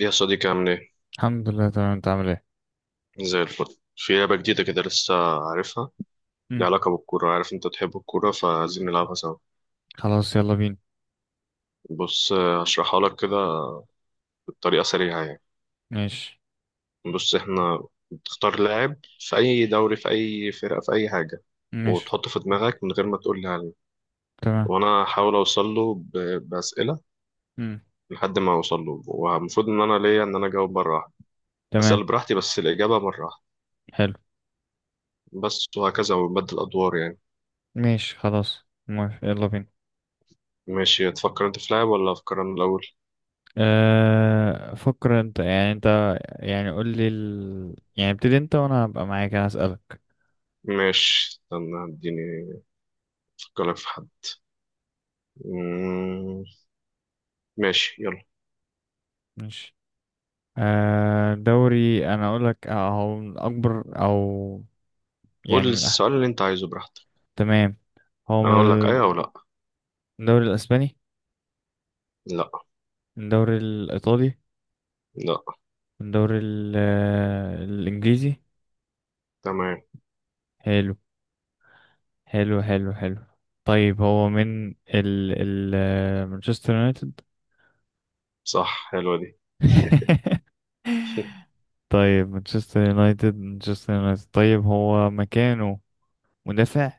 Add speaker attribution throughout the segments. Speaker 1: يا صديقي عامل ايه؟
Speaker 2: الحمد لله، تمام. انت عامل ايه؟
Speaker 1: زي الفل. في لعبة جديدة كده لسه، عارفها؟ ليها
Speaker 2: مم.
Speaker 1: علاقة بالكورة، عارف انت بتحب الكورة، فعايزين نلعبها سوا.
Speaker 2: خلاص، يلا بينا.
Speaker 1: بص هشرحها لك كده بطريقة سريعة يعني.
Speaker 2: ماشي.
Speaker 1: بص احنا بتختار لاعب في أي دوري، في أي فرقة، في أي حاجة،
Speaker 2: ماشي.
Speaker 1: وتحطه في دماغك من غير ما تقول لي عليه،
Speaker 2: تمام.
Speaker 1: وأنا هحاول أوصل له بأسئلة
Speaker 2: مم.
Speaker 1: لحد ما أوصل له. والمفروض إن أنا ليا إن أنا أجاوب مرة واحدة،
Speaker 2: تمام.
Speaker 1: أسأل براحتي بس الإجابة مرة واحدة
Speaker 2: حلو.
Speaker 1: بس، وهكذا ونبدل أدوار يعني.
Speaker 2: ماشي، خلاص، موافق، يلا بينا.
Speaker 1: ماشي، تفكر انت في لاعب ولا افكر انا الاول؟
Speaker 2: أه، فكر انت يعني قول لي يعني ابتدي انت، وانا هبقى معاك، انا هسألك.
Speaker 1: ماشي، استنى اديني افكر لك في حد. مم، ماشي يلا.
Speaker 2: ماشي. أه، دوري انا. اقول لك هو من اكبر يعني
Speaker 1: قول
Speaker 2: من أحد.
Speaker 1: السؤال اللي انت عايزه براحتك،
Speaker 2: تمام. هو
Speaker 1: انا اقول لك
Speaker 2: من
Speaker 1: ايوه او لا.
Speaker 2: الدوري الاسباني؟
Speaker 1: لا.
Speaker 2: من الدوري الايطالي؟
Speaker 1: لا.
Speaker 2: من الدوري الانجليزي؟
Speaker 1: تمام.
Speaker 2: حلو، حلو، حلو، حلو. طيب، هو من ال مانشستر يونايتد؟
Speaker 1: صح، حلوه دي.
Speaker 2: طيب، مانشستر يونايتد، مانشستر يونايتد. طيب، هو مكانه مدافع؟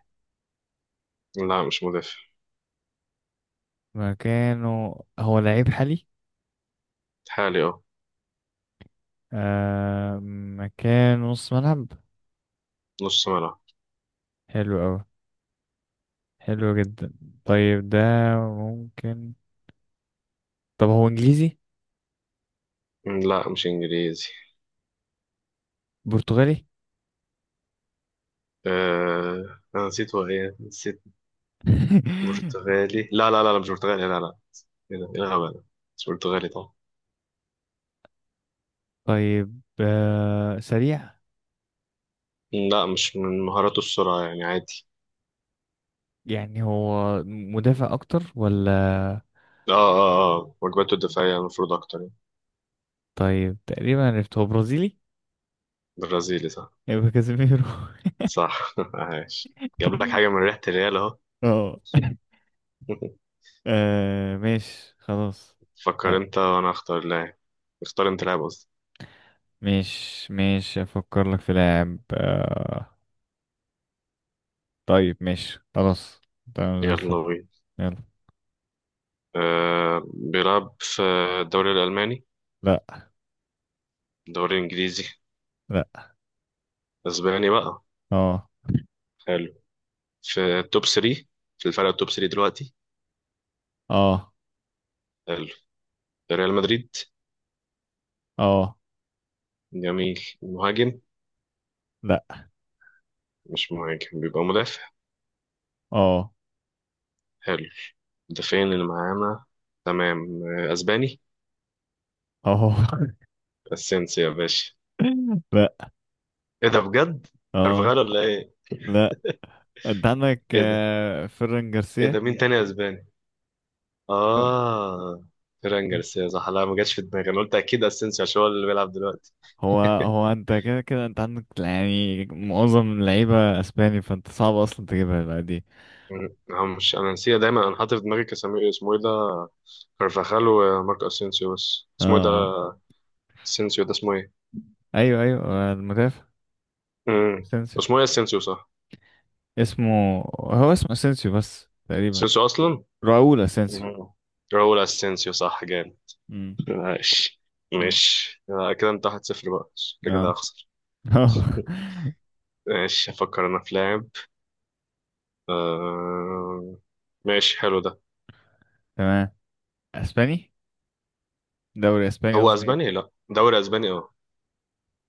Speaker 1: لا مش مدافع.
Speaker 2: مكانه، هو لعيب حالي؟
Speaker 1: حالي اه.
Speaker 2: آه. مكانه نص ملعب؟
Speaker 1: نص ملعب.
Speaker 2: حلو أوي. حلو جدا. طيب، ده ممكن. طب هو انجليزي؟
Speaker 1: لا مش انجليزي.
Speaker 2: برتغالي؟
Speaker 1: انا نسيت هو ايه، نسيت. برتغالي؟ لا لا لا لا، مش برتغالي، لا لا. ايه ده، ايه الغباء ده، مش برتغالي طبعا.
Speaker 2: طيب، سريع؟
Speaker 1: لا مش من مهاراته السرعه، يعني عادي.
Speaker 2: يعني هو مدافع اكتر ولا؟
Speaker 1: اه اه اه، واجباته الدفاعيه المفروض اكتر يعني.
Speaker 2: طيب، تقريبا عرفت. هو برازيلي؟
Speaker 1: برازيلي؟ صح.
Speaker 2: يبقى كازيميرو؟
Speaker 1: صح عايش. جاب لك حاجة من ريحة الريال اهو.
Speaker 2: اه. آه، ماشي، خلاص.
Speaker 1: فكر
Speaker 2: آه،
Speaker 1: انت وانا اختار لاعب. اختار انت لاعب قصدي.
Speaker 2: مش، افكر لك في لاعب. طيب، ماشي، خلاص. تمام، زي
Speaker 1: يلا
Speaker 2: الفل.
Speaker 1: بينا.
Speaker 2: يلا.
Speaker 1: أه، بيلعب في الدوري الألماني؟
Speaker 2: لا.
Speaker 1: الدوري الإنجليزي؟
Speaker 2: لا.
Speaker 1: أسباني بقى؟
Speaker 2: اه.
Speaker 1: حلو. في التوب 3؟ في الفرق التوب 3 دلوقتي؟
Speaker 2: اه.
Speaker 1: حلو. ريال مدريد؟
Speaker 2: اه.
Speaker 1: جميل. مهاجم؟
Speaker 2: لا.
Speaker 1: مش مهاجم، بيبقى مدافع.
Speaker 2: اه.
Speaker 1: حلو، المدافعين اللي معانا، تمام. أسباني.
Speaker 2: اه.
Speaker 1: أسينسيو يا باشا؟
Speaker 2: لا.
Speaker 1: ايه ده بجد؟
Speaker 2: اه.
Speaker 1: كارفاغال ولا ايه؟
Speaker 2: لا. انت عندك
Speaker 1: ايه ده؟
Speaker 2: فيران
Speaker 1: ايه
Speaker 2: جارسيا.
Speaker 1: ده، مين تاني أسباني؟ اه، فران جارسيا، صح. لا ما جاتش في دماغي، انا قلت اكيد اسينسيو عشان هو اللي بيلعب دلوقتي.
Speaker 2: هو انت، كده كده، انت عندك يعني معظم اللعيبة اسباني، فانت صعب اصلا تجيبها بقى دي.
Speaker 1: هو مش، انا نسيت دايما، انا حاطط في دماغي كاسامي اسمه ايه ده، كارفاخال وماركو اسينسيو، بس
Speaker 2: اه،
Speaker 1: اسمه ايه ده؟
Speaker 2: اه.
Speaker 1: اسينسيو ده اسمه ايه؟
Speaker 2: ايوه، ايوه، المدافع.
Speaker 1: امم،
Speaker 2: اسينسيو.
Speaker 1: اسمه ايه؟ اسينسيو صح؟
Speaker 2: اسمه اسينسيو بس تقريبا.
Speaker 1: اسينسيو اصلا.
Speaker 2: راؤول اسينسيو.
Speaker 1: مم. راؤول اسينسيو صح، جامد.
Speaker 2: امم.
Speaker 1: ماشي
Speaker 2: امم.
Speaker 1: ماشي، كده انت 1-0 بقى، شكلي كده
Speaker 2: اه.
Speaker 1: هخسر.
Speaker 2: اه.
Speaker 1: ماشي افكر انا في لاعب. آه... ماشي حلو ده.
Speaker 2: تمام. اسباني؟ دوري اسباني
Speaker 1: هو
Speaker 2: قصدي،
Speaker 1: اسباني،
Speaker 2: إيه؟
Speaker 1: لا دوري اسباني اه.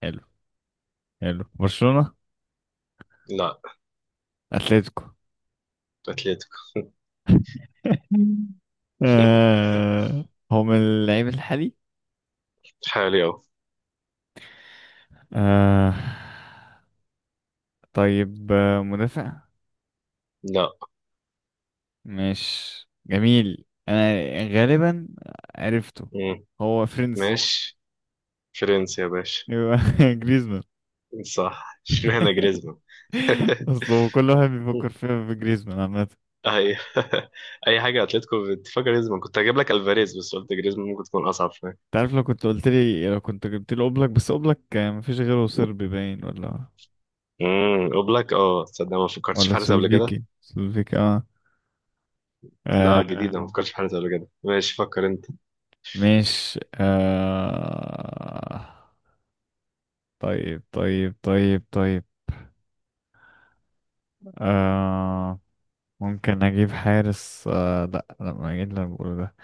Speaker 2: حلو. حلو. برشلونة؟
Speaker 1: لا.
Speaker 2: اتلتيكو؟
Speaker 1: اتلتيكو.
Speaker 2: آه، هو من اللعيب الحالي؟
Speaker 1: حالي اهو.
Speaker 2: آه. طيب، مدافع؟
Speaker 1: لا.
Speaker 2: مش جميل. انا غالبا عرفته.
Speaker 1: مم.
Speaker 2: هو فرنسي؟
Speaker 1: ماشي، فرنسا يا باشا.
Speaker 2: يبقى جريزمان؟
Speaker 1: صح. اشمعنى جريزمان؟
Speaker 2: اصل كل واحد بيفكر فيها في جريزمان عامه، انت
Speaker 1: اي اي حاجه اتلتيكو بتفكر جريزمان كنت هجيب لك الفاريز بس قلت جريزمان ممكن تكون اصعب شويه.
Speaker 2: عارف. لو كنت جبت لي اوبلاك، بس اوبلاك كان مفيش غيره. صربي باين ولا...
Speaker 1: امم، اوبلاك اه، تصدق ما فكرتش في
Speaker 2: ولا
Speaker 1: حارس قبل كده.
Speaker 2: سلوفيكي، سلوفيكي. اه.
Speaker 1: لا جديده، ما
Speaker 2: آه.
Speaker 1: فكرتش في حارس قبل كده. ماشي فكر انت.
Speaker 2: مش. طيب، طيب، طيب، طيب. آه ممكن اجيب حارس، لا، لا، ما اجيب اللي أنا بقوله ده.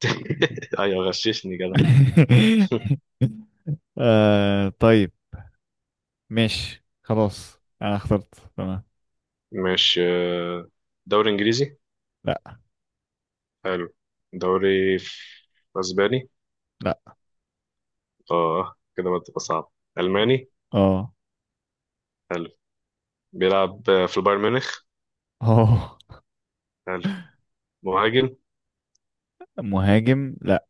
Speaker 1: ايوه، غششني كده.
Speaker 2: طيب. ماشي، خلاص، انا اخترت. تمام.
Speaker 1: ماشي. دوري انجليزي؟
Speaker 2: لا.
Speaker 1: حلو. دوري اسباني؟
Speaker 2: لا.
Speaker 1: اه كده بقى تبقى صعب. ألماني؟
Speaker 2: اه.
Speaker 1: حلو. بيلعب في البايرن ميونخ؟
Speaker 2: اه.
Speaker 1: حلو. مهاجم؟
Speaker 2: مهاجم؟ لا.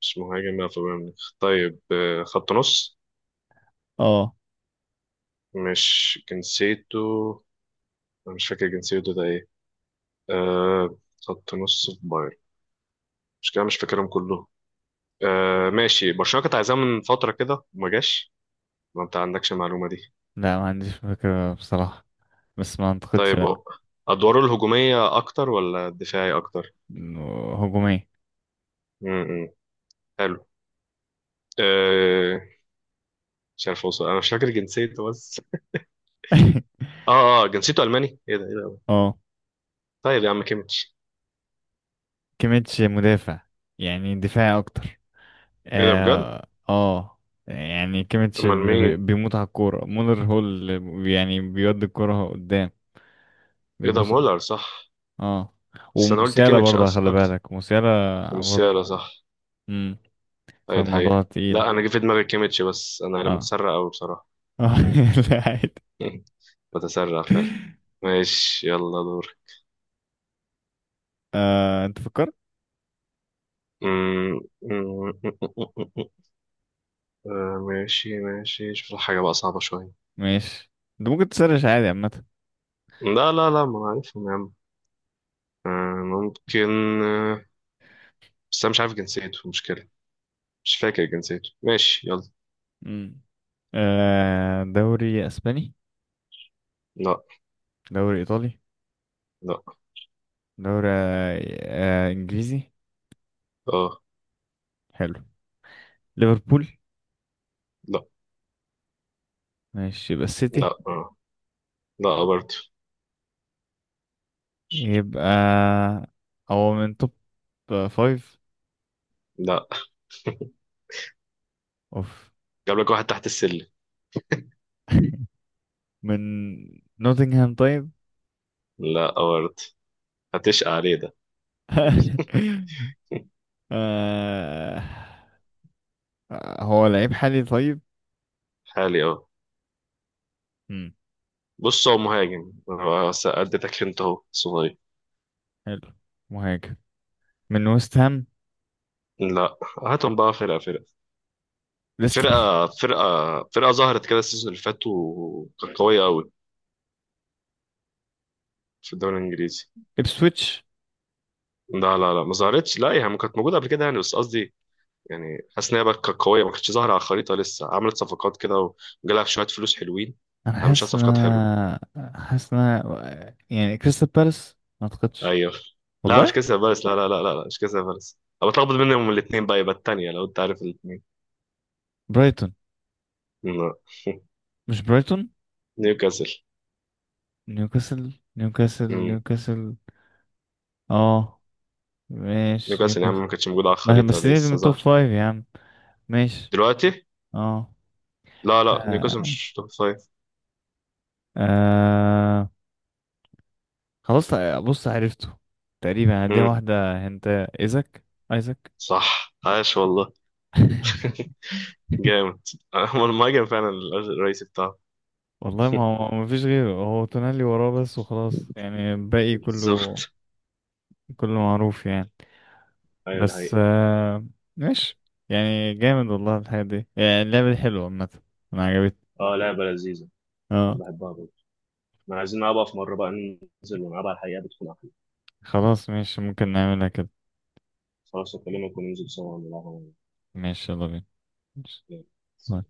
Speaker 1: مش مهاجم، بيلعب في البايرن ميونخ طيب. خط نص؟
Speaker 2: اه.
Speaker 1: مش جنسيته، أنا مش فاكر جنسيته ده ايه. آه، خط نص في بايرن، مش كده، مش فاكرهم كلهم. آه ماشي، برشلونة كانت عايزاه من فترة كده وما جاش. ما انت عندكش المعلومة دي.
Speaker 2: لا، ما عنديش فكرة بصراحة. بس ما اعتقدش.
Speaker 1: طيب
Speaker 2: لا.
Speaker 1: اه، أدواره الهجومية أكتر ولا الدفاعي أكتر؟
Speaker 2: إنه هجومي.
Speaker 1: م -م. حلو. آه، مش عارف أوصل، أنا مش فاكر جنسيته بس. اه اه، جنسيته الماني؟ ايه ده ايه ده.
Speaker 2: اه.
Speaker 1: طيب يا عم كيميتش؟
Speaker 2: كيميتش مدافع. يعني دفاعي اكتر.
Speaker 1: ايه ده بجد؟
Speaker 2: اه، اه. يعني كيميتش
Speaker 1: امال مين؟
Speaker 2: بيموت على الكورة. مولر هو اللي يعني بيودي الكورة قدام.
Speaker 1: ايه ده،
Speaker 2: بيبص.
Speaker 1: مولر صح.
Speaker 2: اه.
Speaker 1: بس انا قلت
Speaker 2: ومسيالة
Speaker 1: كيميتش
Speaker 2: برضه،
Speaker 1: اصلا
Speaker 2: خلي
Speaker 1: اكتر.
Speaker 2: بالك، مسيالة. برضه.
Speaker 1: ومسيالا صح،
Speaker 2: امم.
Speaker 1: ايوه ده حقيقة.
Speaker 2: فالموضوع تقيل.
Speaker 1: لا انا جه في دماغي كيميتش، بس انا اللي
Speaker 2: اه.
Speaker 1: متسرع قوي بصراحة.
Speaker 2: اه. لا، عادي.
Speaker 1: بتسرع فعلا. ماشي يلا دور.
Speaker 2: انت فكرت؟
Speaker 1: أمم، أمم، أمم، أمم، أمم. ماشي ماشي، شوف لك حاجة بقى صعبة شوية.
Speaker 2: ماشي. انت ممكن تسرش عادي، عامة.
Speaker 1: لا لا لا، ما عارفهم يا عم. آه، ممكن. آه، بس انا مش عارف جنسيته، مشكلة. مش فاكر جنسيته، ماشي يلا.
Speaker 2: امم. دوري اسباني؟
Speaker 1: لا.
Speaker 2: دوري ايطالي؟
Speaker 1: لا.
Speaker 2: دوري انجليزي؟
Speaker 1: اه.
Speaker 2: حلو. ليفربول؟
Speaker 1: لا.
Speaker 2: ماشي، يبقى
Speaker 1: لا.
Speaker 2: السيتي؟
Speaker 1: آه. لا برضه.
Speaker 2: يبقى هو من توب فايف؟
Speaker 1: لا.
Speaker 2: اوف.
Speaker 1: جاب لك واحد تحت السلم.
Speaker 2: من نوتنغهام، طيب؟
Speaker 1: لا برضه، هتشقى عليه ده.
Speaker 2: آه. هو لعيب حالي؟ طيب.
Speaker 1: حالي اه.
Speaker 2: مم.
Speaker 1: بص هو مهاجم، هو بس اديتك انت اهو صغير.
Speaker 2: حلو. مهاجم. من ويست هام؟
Speaker 1: لا. هاتهم بقى فرقة فرقة.
Speaker 2: ليستر؟
Speaker 1: فرقة فرقة فرقة ظهرت كده السيزون اللي فات وكانت قوية قوي في الدوري الانجليزي.
Speaker 2: Ipswich؟
Speaker 1: لا لا لا، ما ظهرتش، لا يعني كانت موجودة قبل كده يعني، بس قصدي يعني حاسس ان هي بقى كانت قوية، ما كانتش ظاهرة على الخريطة، لسه عملت صفقات كده وجالها شوية فلوس حلوين، عملت شوية صفقات حلوة.
Speaker 2: انا حاسس ان انا يعني، كريستال بالاس ما اعتقدش.
Speaker 1: ايوه. لا مش
Speaker 2: والله.
Speaker 1: كريستال بالاس، لا لا لا لا لا، مش كريستال بالاس، انا بتلخبط بينهم الاثنين بقى. يبقى الثانيه لو انت عارف الاثنين.
Speaker 2: برايتون؟ مش برايتون؟
Speaker 1: نيوكاسل.
Speaker 2: نيوكاسل؟ نيوكاسل،
Speaker 1: مم.
Speaker 2: نيوكاسل، اه. ماشي،
Speaker 1: نيوكاسل يا عم،
Speaker 2: نيوكاسل.
Speaker 1: ما كانتش موجوده على الخريطه،
Speaker 2: بس
Speaker 1: ده
Speaker 2: دي
Speaker 1: لسه
Speaker 2: من توب
Speaker 1: ظهر
Speaker 2: فايف يا عم. ماشي.
Speaker 1: دلوقتي.
Speaker 2: اه.
Speaker 1: لا لا، نيوكاسل
Speaker 2: آه.
Speaker 1: مش توب فايف.
Speaker 2: آه. خلاص. بص، عرفته. تقريبا. دي
Speaker 1: مم.
Speaker 2: واحدة. هنت. ايزك؟ ايزك.
Speaker 1: صح، عاش والله. جامد، هو المهاجم فعلا الرئيسي بتاعه.
Speaker 2: والله، ما هو ما فيش غيره. هو تونالي وراه بس، وخلاص يعني الباقي كله،
Speaker 1: بالظبط.
Speaker 2: كله معروف يعني.
Speaker 1: ايوه ده
Speaker 2: بس،
Speaker 1: حقيقي.
Speaker 2: ماشي. يعني جامد والله، الحاجة دي، يعني اللعبة دي حلوة عامة. أنا عجبتني.
Speaker 1: اه، لعبه لذيذه، انا
Speaker 2: اه.
Speaker 1: بحبها برضه. ما عايزين نلعبها في مره بقى، ننزل ونلعبها على الحقيقه، بتكون احلى.
Speaker 2: خلاص، ماشي، ممكن نعملها كده.
Speaker 1: خلاص اكلمك وننزل سوا
Speaker 2: ماشي، يلا بينا. ماشي.
Speaker 1: ونلعبها.